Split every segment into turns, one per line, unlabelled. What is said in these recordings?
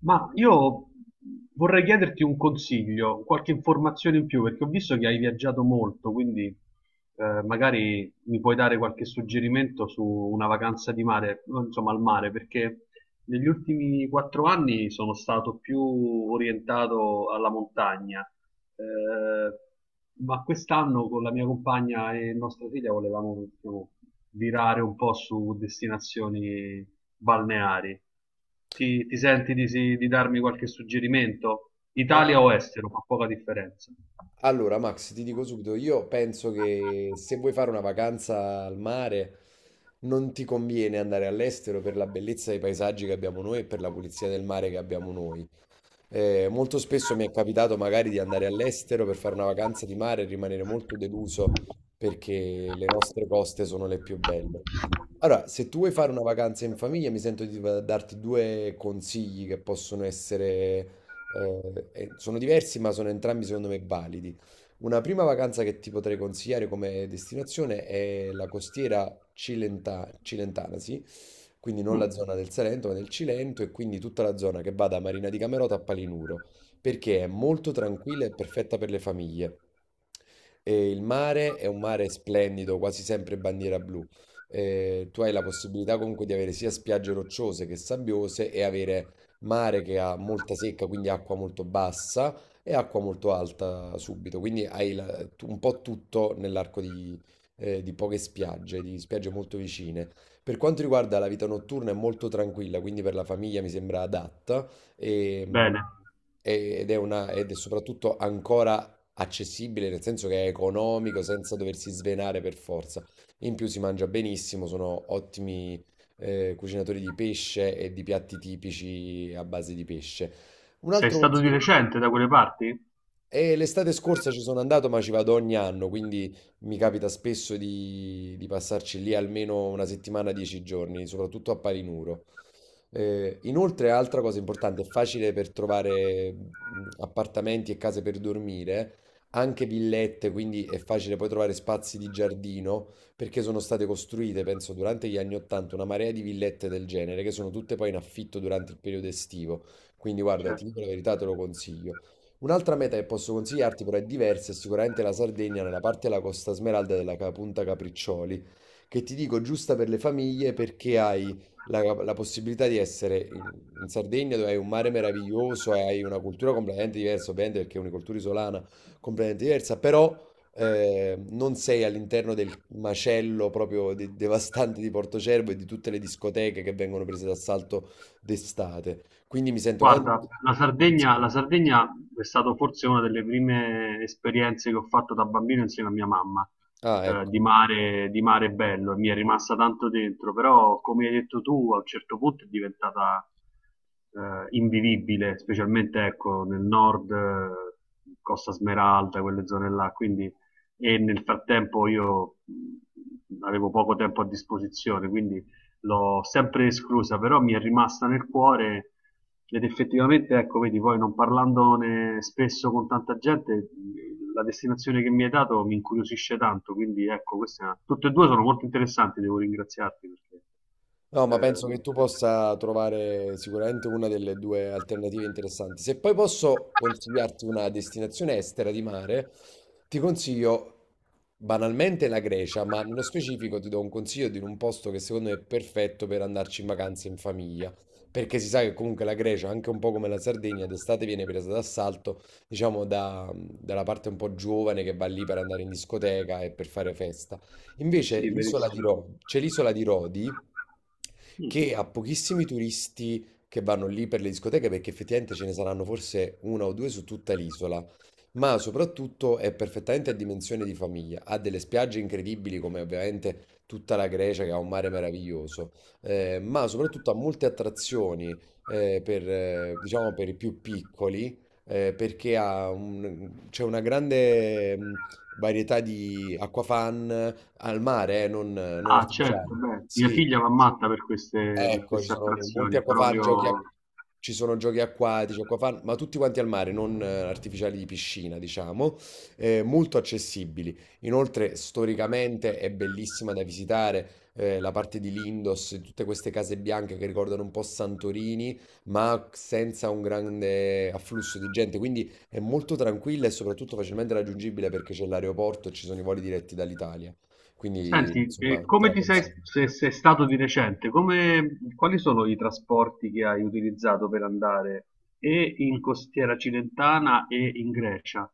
Ma io vorrei chiederti un consiglio, qualche informazione in più, perché ho visto che hai viaggiato molto, quindi magari mi puoi dare qualche suggerimento su una vacanza di mare, insomma al mare, perché negli ultimi quattro anni sono stato più orientato alla montagna eh, ma quest'anno con la mia compagna e nostra figlia volevamo, diciamo, virare un po' su destinazioni balneari. Ti senti di, di darmi qualche suggerimento?
Ma
Italia o estero, fa poca differenza.
allora, Max, ti dico subito, io penso che se vuoi fare una vacanza al mare non ti conviene andare all'estero per la bellezza dei paesaggi che abbiamo noi e per la pulizia del mare che abbiamo noi. Molto spesso mi è capitato magari di andare all'estero per fare una vacanza di mare e rimanere molto deluso perché le nostre coste sono le più belle. Allora, se tu vuoi fare una vacanza in famiglia, mi sento di darti due consigli che possono essere, sono diversi, ma sono entrambi secondo me validi. Una prima vacanza che ti potrei consigliare come destinazione è la costiera cilentana, sì, quindi non la zona del Salento ma del Cilento e quindi tutta la zona che va da Marina di Camerota a Palinuro, perché è molto tranquilla e perfetta per le famiglie. E il mare è un mare splendido, quasi sempre bandiera blu. Tu hai la possibilità comunque di avere sia spiagge rocciose che sabbiose e avere mare che ha molta secca, quindi acqua molto bassa e acqua molto alta subito. Quindi hai un po' tutto nell'arco di poche spiagge, di spiagge molto vicine. Per quanto riguarda la vita notturna è molto tranquilla, quindi per la famiglia mi sembra adatta e-
Bene.
ed è soprattutto ancora accessibile, nel senso che è economico, senza doversi svenare per forza. In più si mangia benissimo, sono ottimi cucinatori di pesce e di piatti tipici a base di pesce. Un
Sei
altro
stato di
consiglio.
recente da quelle parti?
E l'estate scorsa ci sono andato, ma ci vado ogni anno, quindi mi capita spesso di passarci lì almeno una settimana, dieci giorni, soprattutto a Palinuro. Inoltre, altra cosa importante, è facile per trovare appartamenti e case per dormire, anche villette, quindi è facile poi trovare spazi di giardino, perché sono state costruite, penso, durante gli anni 80 una marea di villette del genere, che sono tutte poi in affitto durante il periodo estivo. Quindi guarda, ti
Certo.
dico la verità, te lo consiglio. Un'altra meta che posso consigliarti, però è diversa, è sicuramente la Sardegna nella parte della Costa Smeralda della Punta Capriccioli, che ti dico giusta per le famiglie perché hai la, la possibilità di essere in Sardegna dove hai un mare meraviglioso e hai una cultura completamente diversa, ovviamente perché è una cultura isolana completamente diversa, però non sei all'interno del macello proprio devastante di Portocervo e di tutte le discoteche che vengono prese d'assalto d'estate. Quindi mi sento anche...
Guarda, la Sardegna è stata forse una delle prime esperienze che ho fatto da bambino insieme a mia mamma,
Ah, ecco.
di mare bello, e mi è rimasta tanto dentro, però come hai detto tu, a un certo punto è diventata invivibile, specialmente ecco, nel nord, Costa Smeralda, quelle zone là, quindi, e nel frattempo io avevo poco tempo a disposizione, quindi l'ho sempre esclusa, però mi è rimasta nel cuore ed effettivamente, ecco, vedi, poi non parlandone spesso con tanta gente, la destinazione che mi hai dato mi incuriosisce tanto, quindi ecco, queste, tutte e due sono molto interessanti, devo ringraziarti perché...
No, ma penso che
ehm,
tu possa trovare sicuramente una delle due alternative interessanti. Se poi posso consigliarti una destinazione estera di mare, ti consiglio banalmente la Grecia, ma nello specifico ti do un consiglio di un posto che secondo me è perfetto per andarci in vacanza in famiglia, perché si sa che comunque la Grecia, anche un po' come la Sardegna, d'estate viene presa d'assalto, diciamo, dalla parte un po' giovane che va lì per andare in discoteca e per fare festa. Invece
Sì,
l'isola di
verissimo.
Rodi, c'è l'isola di Rodi
Mm.
che ha pochissimi turisti che vanno lì per le discoteche perché effettivamente ce ne saranno forse una o due su tutta l'isola, ma soprattutto è perfettamente a dimensione di famiglia, ha delle spiagge incredibili come ovviamente tutta la Grecia che ha un mare meraviglioso, ma soprattutto ha molte attrazioni per, diciamo, per i più piccoli perché ha c'è una grande varietà di acquafan, al mare, non
Ah,
artificiali.
certo, beh, mia
Sì,
figlia va matta per
ecco, ci
queste
sono molti
attrazioni, è
acquafan,
proprio...
ci sono giochi acquatici, acquafan, ma tutti quanti al mare, non artificiali di piscina, diciamo, molto accessibili. Inoltre, storicamente è bellissima da visitare. La parte di Lindos, tutte queste case bianche che ricordano un po' Santorini, ma senza un grande afflusso di gente, quindi è molto tranquilla e soprattutto facilmente raggiungibile perché c'è l'aeroporto e ci sono i voli diretti dall'Italia. Quindi
Senti,
insomma te
come
la
ti sei,
consiglio.
se sei stato di recente, come- quali sono i trasporti che hai utilizzato per andare e in costiera cilentana e in Grecia?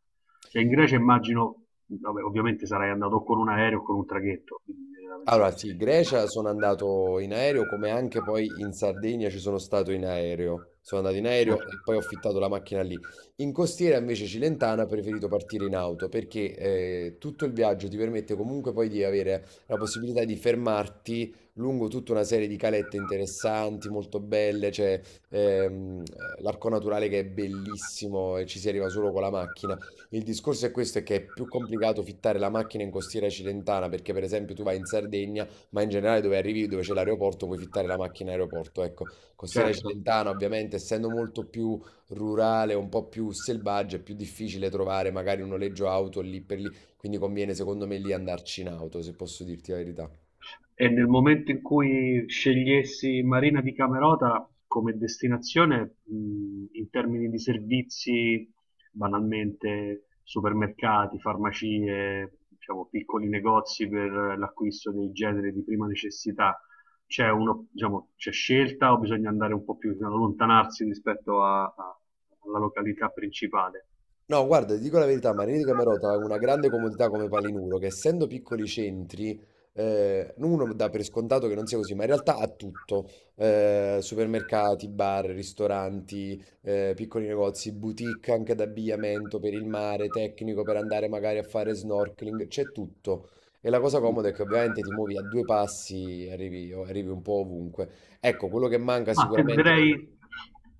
Cioè in Grecia immagino, vabbè, ovviamente sarai andato con un aereo o con un traghetto, quindi mi viene da pensare.
Allora sì, Grecia sono andato in aereo come anche poi in Sardegna ci sono stato in aereo. Sono andato in aereo
Certo,
e poi ho affittato la macchina lì. In costiera invece cilentana ho preferito partire in auto perché tutto il viaggio ti permette comunque poi di avere la possibilità di fermarti lungo tutta una serie di calette interessanti, molto belle, c'è ehm, l'arco naturale che è bellissimo e ci si arriva solo con la macchina. Il discorso è questo, è che è più complicato fittare la macchina in costiera cilentana, perché per esempio tu vai in Sardegna, ma in generale dove arrivi, dove c'è l'aeroporto, puoi fittare la macchina in aeroporto. Ecco, costiera
certo.
cilentana ovviamente, essendo molto più rurale, un po' più selvaggia, è più difficile trovare magari un noleggio auto lì per lì, quindi conviene secondo me lì andarci in auto, se posso dirti la verità.
E nel momento in cui scegliessi Marina di Camerota come destinazione, in termini di servizi, banalmente supermercati, farmacie, diciamo, piccoli negozi per l'acquisto dei generi di prima necessità, c'è uno, diciamo, c'è scelta o bisogna andare un po' più, diciamo, allontanarsi rispetto alla località principale?
No, guarda, ti dico la verità, Marini di Camerota ha una grande comodità come Palinuro, che essendo piccoli centri, uno dà per scontato che non sia così, ma in realtà ha tutto. Supermercati, bar, ristoranti, piccoli negozi, boutique anche d'abbigliamento per il mare, tecnico per andare magari a fare snorkeling, c'è tutto. E la cosa comoda è che ovviamente ti muovi a due passi e arrivi un po' ovunque. Ecco, quello che manca
Ma
sicuramente...
tenderei,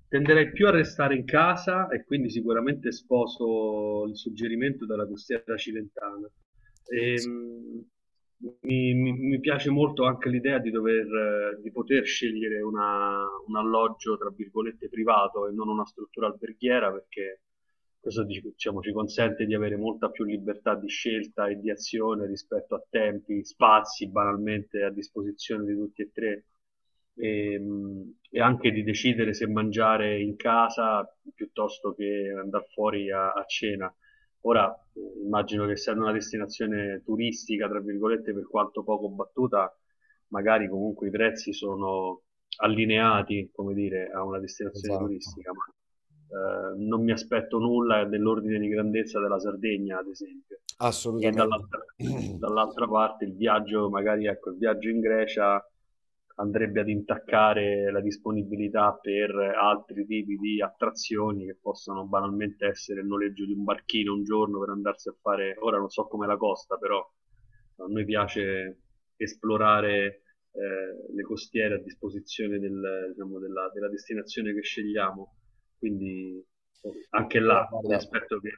tenderei più a restare in casa e quindi sicuramente sposo il suggerimento della costiera cilentana.
Sì,
Ehm, mi piace molto anche l'idea di dover, di poter scegliere un alloggio, tra virgolette, privato e non una struttura alberghiera, perché questo, diciamo, ci consente di avere molta più libertà di scelta e di azione rispetto a tempi, spazi, banalmente a disposizione di tutti e tre. E anche di decidere se mangiare in casa piuttosto che andare fuori a cena. Ora immagino che essendo una destinazione turistica, tra virgolette, per quanto poco battuta, magari comunque i prezzi sono allineati, come dire, a una destinazione
esatto,
turistica, ma non mi aspetto nulla dell'ordine di grandezza della Sardegna, ad esempio, e
assolutamente.
dall'altra, dall'altra parte il viaggio, magari ecco, il viaggio in Grecia andrebbe ad intaccare la disponibilità per altri tipi di attrazioni che possono banalmente essere il noleggio di un barchino un giorno per andarsi a fare, ora non so com'è la costa, però a noi piace esplorare le costiere a disposizione del, diciamo, della, della destinazione che scegliamo, quindi anche
Allora,
là mi
guarda,
aspetto che...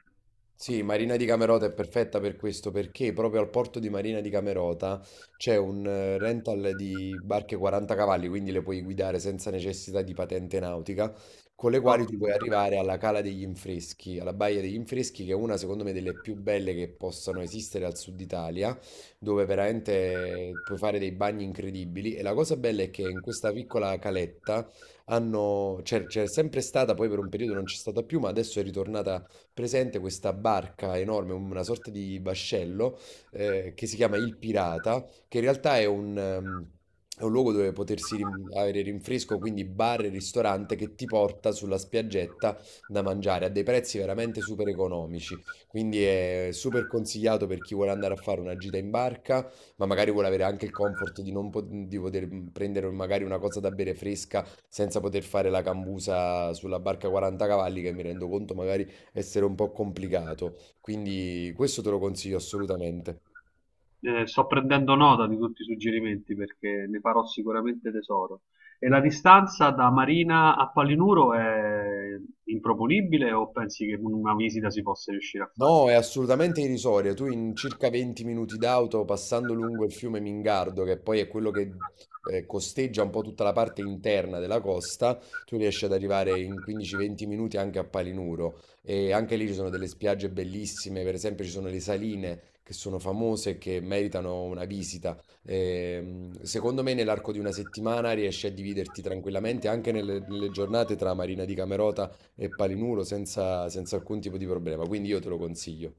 sì, Marina di Camerota è perfetta per questo perché proprio al porto di Marina di Camerota c'è un rental di barche 40 cavalli, quindi le puoi guidare senza necessità di patente nautica, con le quali tu
Ottimo.
puoi arrivare alla Cala degli Infreschi, alla Baia degli Infreschi, che è una secondo me delle più belle che possano esistere al sud Italia, dove veramente puoi fare dei bagni incredibili. E la cosa bella è che in questa piccola caletta hanno, c'è sempre stata, poi per un periodo non c'è stata più, ma adesso è ritornata presente questa barca enorme, una sorta di vascello che si chiama Il Pirata, che in realtà è un luogo dove potersi avere rinfresco, quindi bar e ristorante che ti porta sulla spiaggetta da mangiare a dei prezzi veramente super economici. Quindi è super consigliato per chi vuole andare a fare una gita in barca, ma magari vuole avere anche il comfort di non di poter prendere magari una cosa da bere fresca senza poter fare la cambusa sulla barca 40 cavalli, che mi rendo conto magari essere un po' complicato. Quindi questo te lo consiglio assolutamente.
Sto prendendo nota di tutti i suggerimenti perché ne farò sicuramente tesoro. E la distanza da Marina a Palinuro è improponibile o pensi che una visita si possa riuscire a fare?
No, è assolutamente irrisoria. Tu in circa 20 minuti d'auto, passando lungo il fiume Mingardo, che poi è quello che costeggia un po' tutta la parte interna della costa, tu riesci ad arrivare in 15-20 minuti anche a Palinuro. E anche lì ci sono delle spiagge bellissime, per esempio ci sono le saline che sono famose e che meritano una visita. Secondo me nell'arco di una settimana riesci a dividerti tranquillamente anche nelle giornate tra Marina di Camerota e Palinuro senza alcun tipo di problema, quindi io te lo consiglio.